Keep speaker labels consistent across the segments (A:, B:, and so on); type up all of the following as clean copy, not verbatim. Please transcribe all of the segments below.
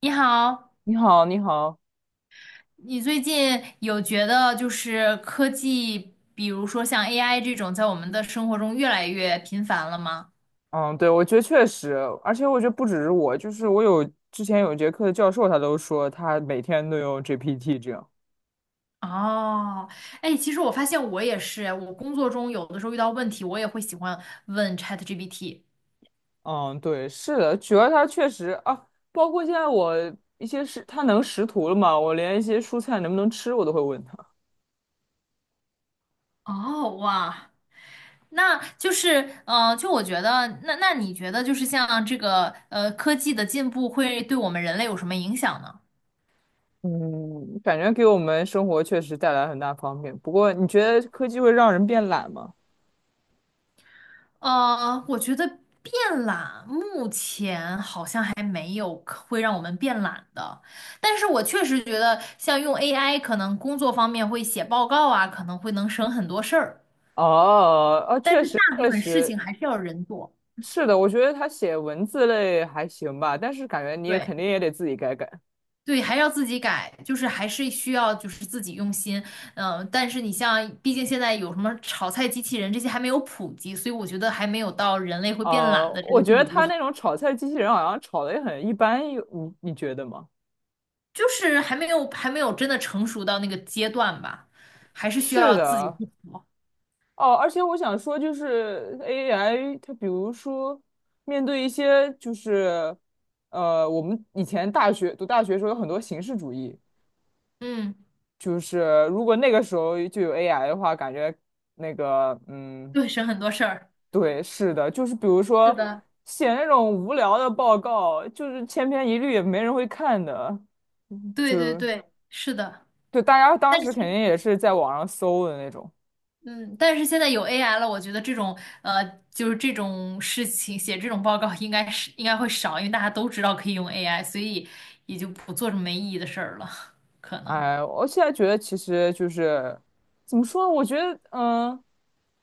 A: 你好，
B: 你好，你好，
A: 你最近有觉得就是科技，比如说像 AI 这种，在我们的生活中越来越频繁了吗？
B: 嗯，对，我觉得确实，而且我觉得不只是我，就是我之前有节课的教授，他都说他每天都用 GPT 这样。
A: 哦，哎，其实我发现我也是，我工作中有的时候遇到问题，我也会喜欢问 ChatGPT。
B: 嗯，对，是的，主要他确实啊，包括现在我一些是他能识图了嘛，我连一些蔬菜能不能吃我都会问他。
A: 哦，哇，那就是，就我觉得，那你觉得就是像这个科技的进步会对我们人类有什么影响呢？
B: 嗯，感觉给我们生活确实带来很大方便。不过，你觉得科技会让人变懒吗？
A: 我觉得变懒目前好像还没有可会让我们变懒的，但是我确实觉得像用 AI，可能工作方面会写报告啊，可能会能省很多事儿，
B: 哦，啊，
A: 但
B: 确
A: 是
B: 实，
A: 大部
B: 确
A: 分事情
B: 实，
A: 还是要人做，
B: 是的，我觉得他写文字类还行吧，但是感觉你也
A: 对
B: 肯定也得自己改改。
A: 对，还要自己改，就是还是需要就是自己用心，嗯、但是你像，毕竟现在有什么炒菜机器人这些还没有普及，所以我觉得还没有到人类会变懒的这个
B: 我觉得
A: 地步。
B: 他那种炒菜机器人好像炒的也很一般，有你觉得吗？
A: 就是还没有真的成熟到那个阶段吧，还是需
B: 是
A: 要自己
B: 的，
A: 去磨。
B: 哦，而且我想说，就是 AI，它比如说面对一些就是我们以前大学的时候有很多形式主义，
A: 嗯，
B: 就是如果那个时候就有 AI 的话，感觉那个嗯。
A: 对，省很多事儿。
B: 对，是的，就是比如
A: 是
B: 说
A: 的，
B: 写那种无聊的报告，就是千篇一律，也没人会看的，就
A: 对对
B: 就
A: 对，是的。
B: 大家当
A: 但
B: 时肯定
A: 是，
B: 也是在网上搜的那种。
A: 嗯，但是现在有 AI 了，我觉得这种呃，就是这种事情写这种报告应该会少，因为大家都知道可以用 AI，所以也就不做这么没意义的事儿了，可能。
B: 哎，我现在觉得其实就是怎么说呢？我觉得，嗯，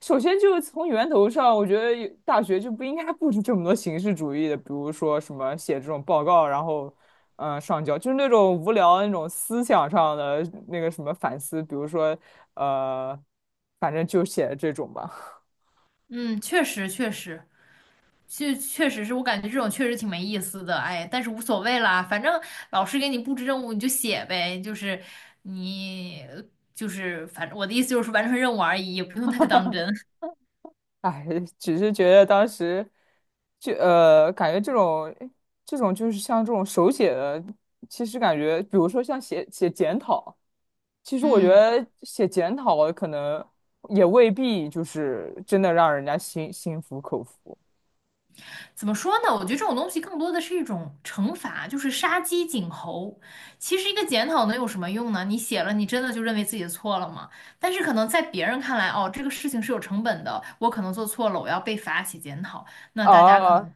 B: 首先就是从源头上，我觉得有大学就不应该布置这么多形式主义的，比如说什么写这种报告，然后嗯上交，就是那种无聊的那种思想上的那个什么反思，比如说呃，反正就写这种吧。
A: 嗯，确实确实，就确实是我感觉这种确实挺没意思的，哎，但是无所谓啦，反正老师给你布置任务你就写呗，就是你就是反正我的意思就是完成任务而已，也不用太当真。
B: 哎，只是觉得当时就感觉这种就是像这种手写的，其实感觉，比如说像写检讨。其实我觉
A: 嗯，
B: 得写检讨可能也未必就是真的让人家心服口服
A: 怎么说呢？我觉得这种东西更多的是一种惩罚，就是杀鸡儆猴。其实一个检讨能有什么用呢？你写了，你真的就认为自己的错了吗？但是可能在别人看来，哦，这个事情是有成本的，我可能做错了，我要被罚写检讨，那大家可
B: 啊
A: 能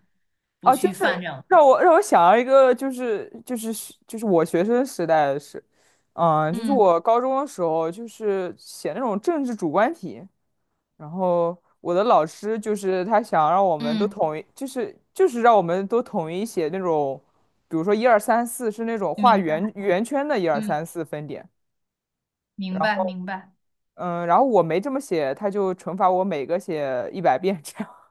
A: 不
B: 啊！就
A: 去犯
B: 是
A: 这样的错。
B: 让我想到一个，就是我学生时代的事，嗯，就是
A: 嗯。
B: 我高中的时候，就是写那种政治主观题，然后我的老师就是他想让我们都
A: 嗯，
B: 统一，就是让我们都统一写那种，比如说一二三四是那种画
A: 明白，
B: 圆圈的一二
A: 嗯，
B: 三四分点。
A: 明
B: 然
A: 白，明白。
B: 嗯，然后我没这么写，他就惩罚我每个写一百遍这样。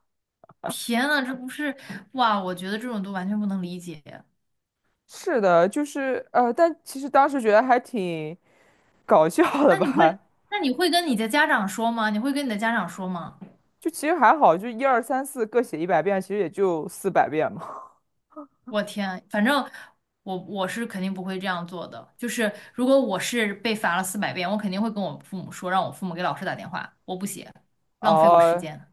A: 天呐，这不是，哇，我觉得这种都完全不能理解。
B: 是的，就是但其实当时觉得还挺搞笑的
A: 那你会，
B: 吧，
A: 那你会跟你的家长说吗？你会跟你的家长说吗？
B: 就其实还好，就一二三四各写一百遍，其实也就四百遍嘛。
A: 我天，反正我是肯定不会这样做的。就是如果我是被罚了四百遍，我肯定会跟我父母说，让我父母给老师打电话，我不写，浪费我时
B: 哦、
A: 间。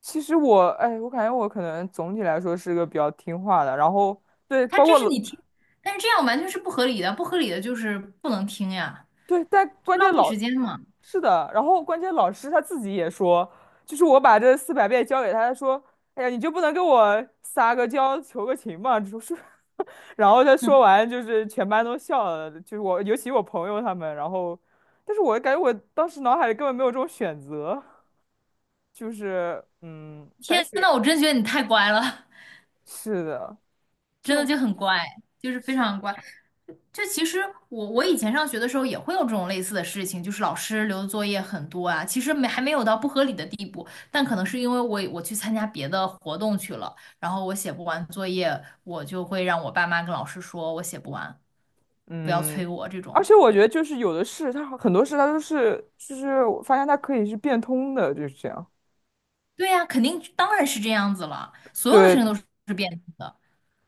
B: 其实我，哎，我感觉我可能总体来说是个比较听话的，然后对，
A: 他
B: 包
A: 这
B: 括
A: 是
B: 老
A: 你听，但是这样完全是不合理的，不合理的就是不能听呀，
B: 对，但
A: 就
B: 关
A: 浪
B: 键
A: 费
B: 老
A: 时间嘛。
B: 是的，然后关键老师他自己也说，就是我把这四百遍交给他，他说，哎呀，你就不能给我撒个娇求个情吗？就是，然后他说完，就是全班都笑了，就是我，尤其我朋友他们，然后，但是我感觉我当时脑海里根本没有这种选择，就是，嗯，感
A: 天
B: 觉学
A: 呐，我真觉得你太乖了。
B: 是的，
A: 真的
B: 就
A: 就很乖，就是非
B: 是
A: 常乖。就其实我以前上学的时候也会有这种类似的事情，就是老师留的作业很多啊，其实没还没有到不合理的地步，但可能是因为我去参加别的活动去了，然后我写不完作业，我就会让我爸妈跟老师说我写不完，不要
B: 嗯。
A: 催我这
B: 而
A: 种。
B: 且我觉得就是有的事，它很多事他都是，就是我发现他可以是变通的，就是这样。
A: 对呀，肯定当然是这样子了，所有的事
B: 对
A: 情都是变动的。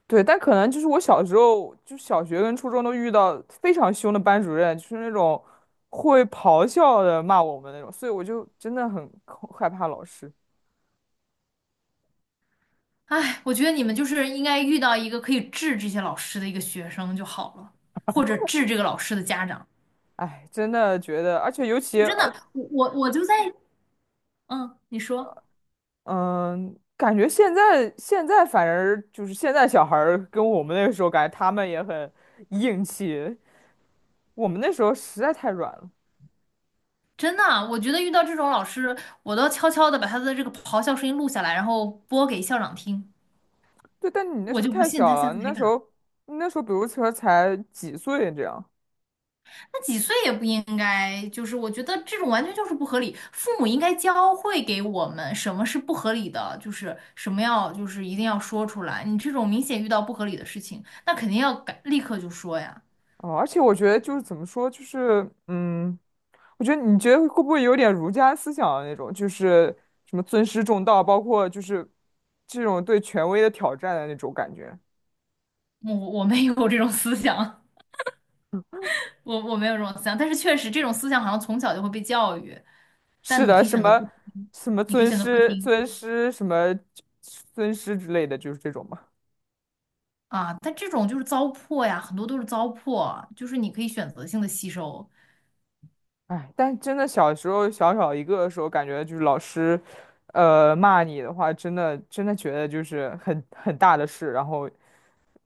B: 对，但可能就是我小时候，就小学跟初中都遇到非常凶的班主任，就是那种会咆哮的骂我们那种，所以我就真的很害怕老师。
A: 哎，我觉得你们就是应该遇到一个可以治这些老师的一个学生就好了，或者治这个老师的家长。
B: 哎，真的觉得，而且尤其
A: 就真的，我就在，嗯，你说，
B: 嗯，感觉现在反而就是现在小孩儿跟我们那个时候感觉他们也很硬气，我们那时候实在太软了。
A: 真的啊，我觉得遇到这种老师，我都要悄悄的把他的这个咆哮声音录下来，然后播给校长听。
B: 对，但你那
A: 我
B: 时候
A: 就不
B: 太
A: 信
B: 小
A: 他下
B: 了，
A: 次还敢。
B: 你那时候比如说才几岁这样。
A: 那几岁也不应该，就是我觉得这种完全就是不合理。父母应该教会给我们什么是不合理的，就是什么要就是一定要说出来。你这种明显遇到不合理的事情，那肯定要改，立刻就说呀。
B: 哦，而且我觉得就是怎么说，就是嗯，我觉得你觉得会不会有点儒家思想的那种，就是什么尊师重道，包括就是这种对权威的挑战的那种感觉。
A: 我没有这种思想，我没有这种思想，但是确实这种思想好像从小就会被教育。
B: 是
A: 但你
B: 的，
A: 可以
B: 什
A: 选择不
B: 么
A: 听，
B: 什么
A: 你可以
B: 尊
A: 选择不
B: 师
A: 听
B: 尊师什么尊师之类的，就是这种嘛。
A: 啊。但这种就是糟粕呀，很多都是糟粕，就是你可以选择性的吸收。
B: 哎，但真的小时候小小一个的时候，感觉就是老师，骂你的话，真的觉得就是很大的事，然后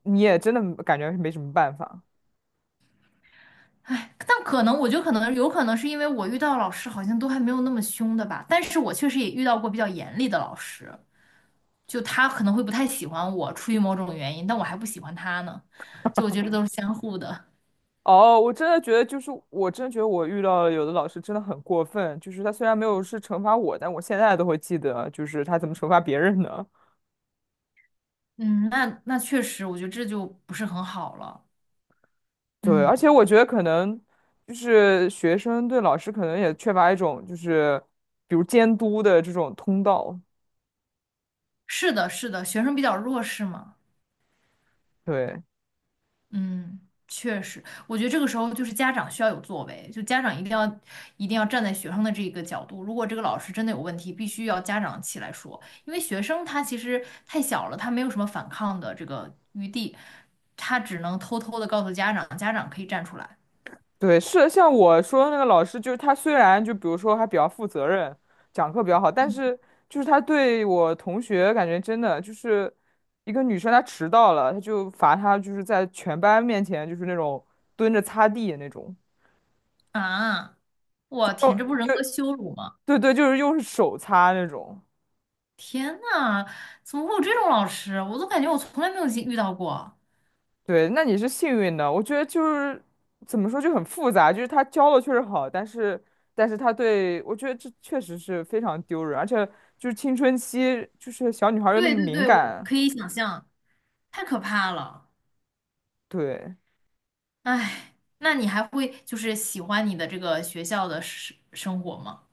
B: 你也真的感觉没什么办法。
A: 哎，但可能我觉得可能有可能是因为我遇到老师好像都还没有那么凶的吧，但是我确实也遇到过比较严厉的老师，就他可能会不太喜欢我，出于某种原因，但我还不喜欢他呢。就我觉得都是相互的。
B: 哦，我真的觉得，我遇到了有的老师真的很过分，就是他虽然没有是惩罚我，但我现在都会记得，就是他怎么惩罚别人的。
A: 嗯，那那确实，我觉得这就不是很好了。
B: 对，
A: 嗯，
B: 而且我觉得可能就是学生对老师可能也缺乏一种就是比如监督的这种通道。
A: 是的，是的，学生比较弱势嘛。
B: 对，
A: 嗯，确实，我觉得这个时候就是家长需要有作为，就家长一定要站在学生的这个角度，如果这个老师真的有问题，必须要家长起来说，因为学生他其实太小了，他没有什么反抗的这个余地，他只能偷偷的告诉家长，家长可以站出来
B: 对，是像我说的那个老师，就是他虽然就比如说还比较负责任，讲课比较好，但是就是他对我同学感觉真的就是一个女生她迟到了，他就罚她就是在全班面前就是那种蹲着擦地那种，
A: 啊！我
B: 用
A: 天，这不人格
B: 用
A: 羞辱吗？
B: 对对，就是用手擦那种。
A: 天呐，怎么会有这种老师？我都感觉我从来没有遇到过。
B: 对，那你是幸运的。我觉得就是怎么说就很复杂，就是他教的确实好，但是他对我觉得这确实是非常丢人，而且就是青春期，就是小女孩儿又那
A: 对
B: 么
A: 对
B: 敏
A: 对，我
B: 感，
A: 可以想象，太可怕了。
B: 对，
A: 哎，那你还会就是喜欢你的这个学校的生活吗？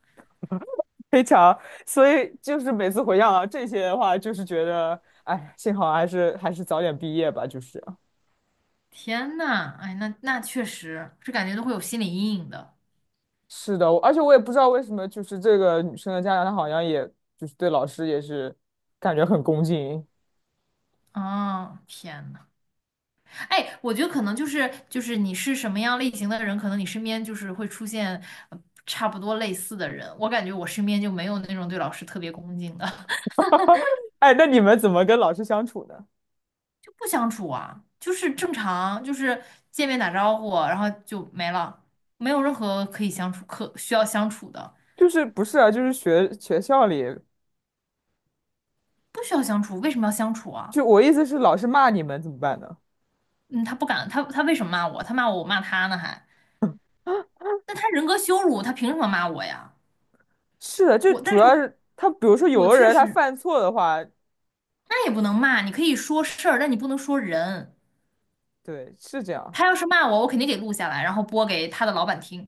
B: 非常，所以就是每次回想到这些的话，就是觉得，哎，幸好还是早点毕业吧，就是。
A: 天呐，哎，那那确实是感觉都会有心理阴影的。
B: 是的，而且我也不知道为什么，就是这个女生的家长，她好像也就是对老师也是感觉很恭敬。
A: 啊！天呐，哎，我觉得可能就是你是什么样类型的人，可能你身边就是会出现呃差不多类似的人。我感觉我身边就没有那种对老师特别恭敬的，
B: 哎，那你们怎么跟老师相处呢？
A: 就不相处啊，就是正常，就是见面打招呼，然后就没了，没有任何可以相处可需要相处的。
B: 就是不是啊？就是学校里，
A: 不需要相处，为什么要相处啊？
B: 就我意思是，老师骂你们怎么办呢？
A: 嗯，他不敢，他为什么骂我？他骂我，我骂他呢还？那他人格羞辱，他凭什么骂我呀？
B: 是的，就
A: 我，
B: 主
A: 但是
B: 要
A: 我
B: 是他，比如说有
A: 我
B: 的
A: 确
B: 人他
A: 实，
B: 犯错的话，
A: 那也不能骂，你可以说事儿，但你不能说人。
B: 对，是这样。
A: 他要是骂我，我肯定给录下来，然后播给他的老板听，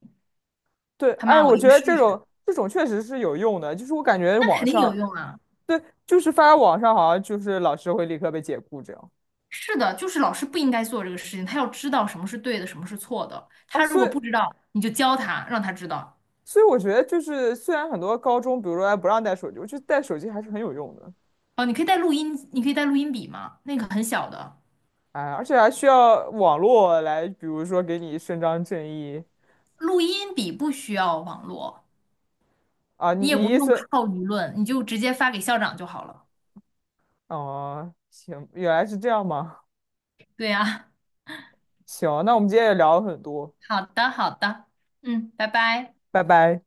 B: 对，
A: 他
B: 哎，
A: 骂我
B: 我
A: 一
B: 觉
A: 个
B: 得
A: 试
B: 这
A: 试，
B: 种这种确实是有用的，就是我感觉
A: 那
B: 网
A: 肯定
B: 上，
A: 有用啊。
B: 对，就是发到网上好像就是老师会立刻被解雇这样
A: 是的，就是老师不应该做这个事情，他要知道什么是对的，什么是错的。
B: 啊，
A: 他如果不知道，你就教他，让他知道。
B: 所以我觉得就是虽然很多高中，比如说还不让带手机，我觉得带手机还是很有用的，
A: 哦，你可以带录音，你可以带录音笔吗？那个很小的。
B: 哎，而且还需要网络来，比如说给你伸张正义
A: 录音笔不需要网络，
B: 啊，你
A: 你也
B: 你
A: 不
B: 意
A: 用
B: 思？
A: 靠舆论，你就直接发给校长就好了。
B: 哦，行，原来是这样吗？
A: 对呀，
B: 行，那我们今天也聊了很多，
A: 好的，好的，嗯，拜拜。
B: 拜拜。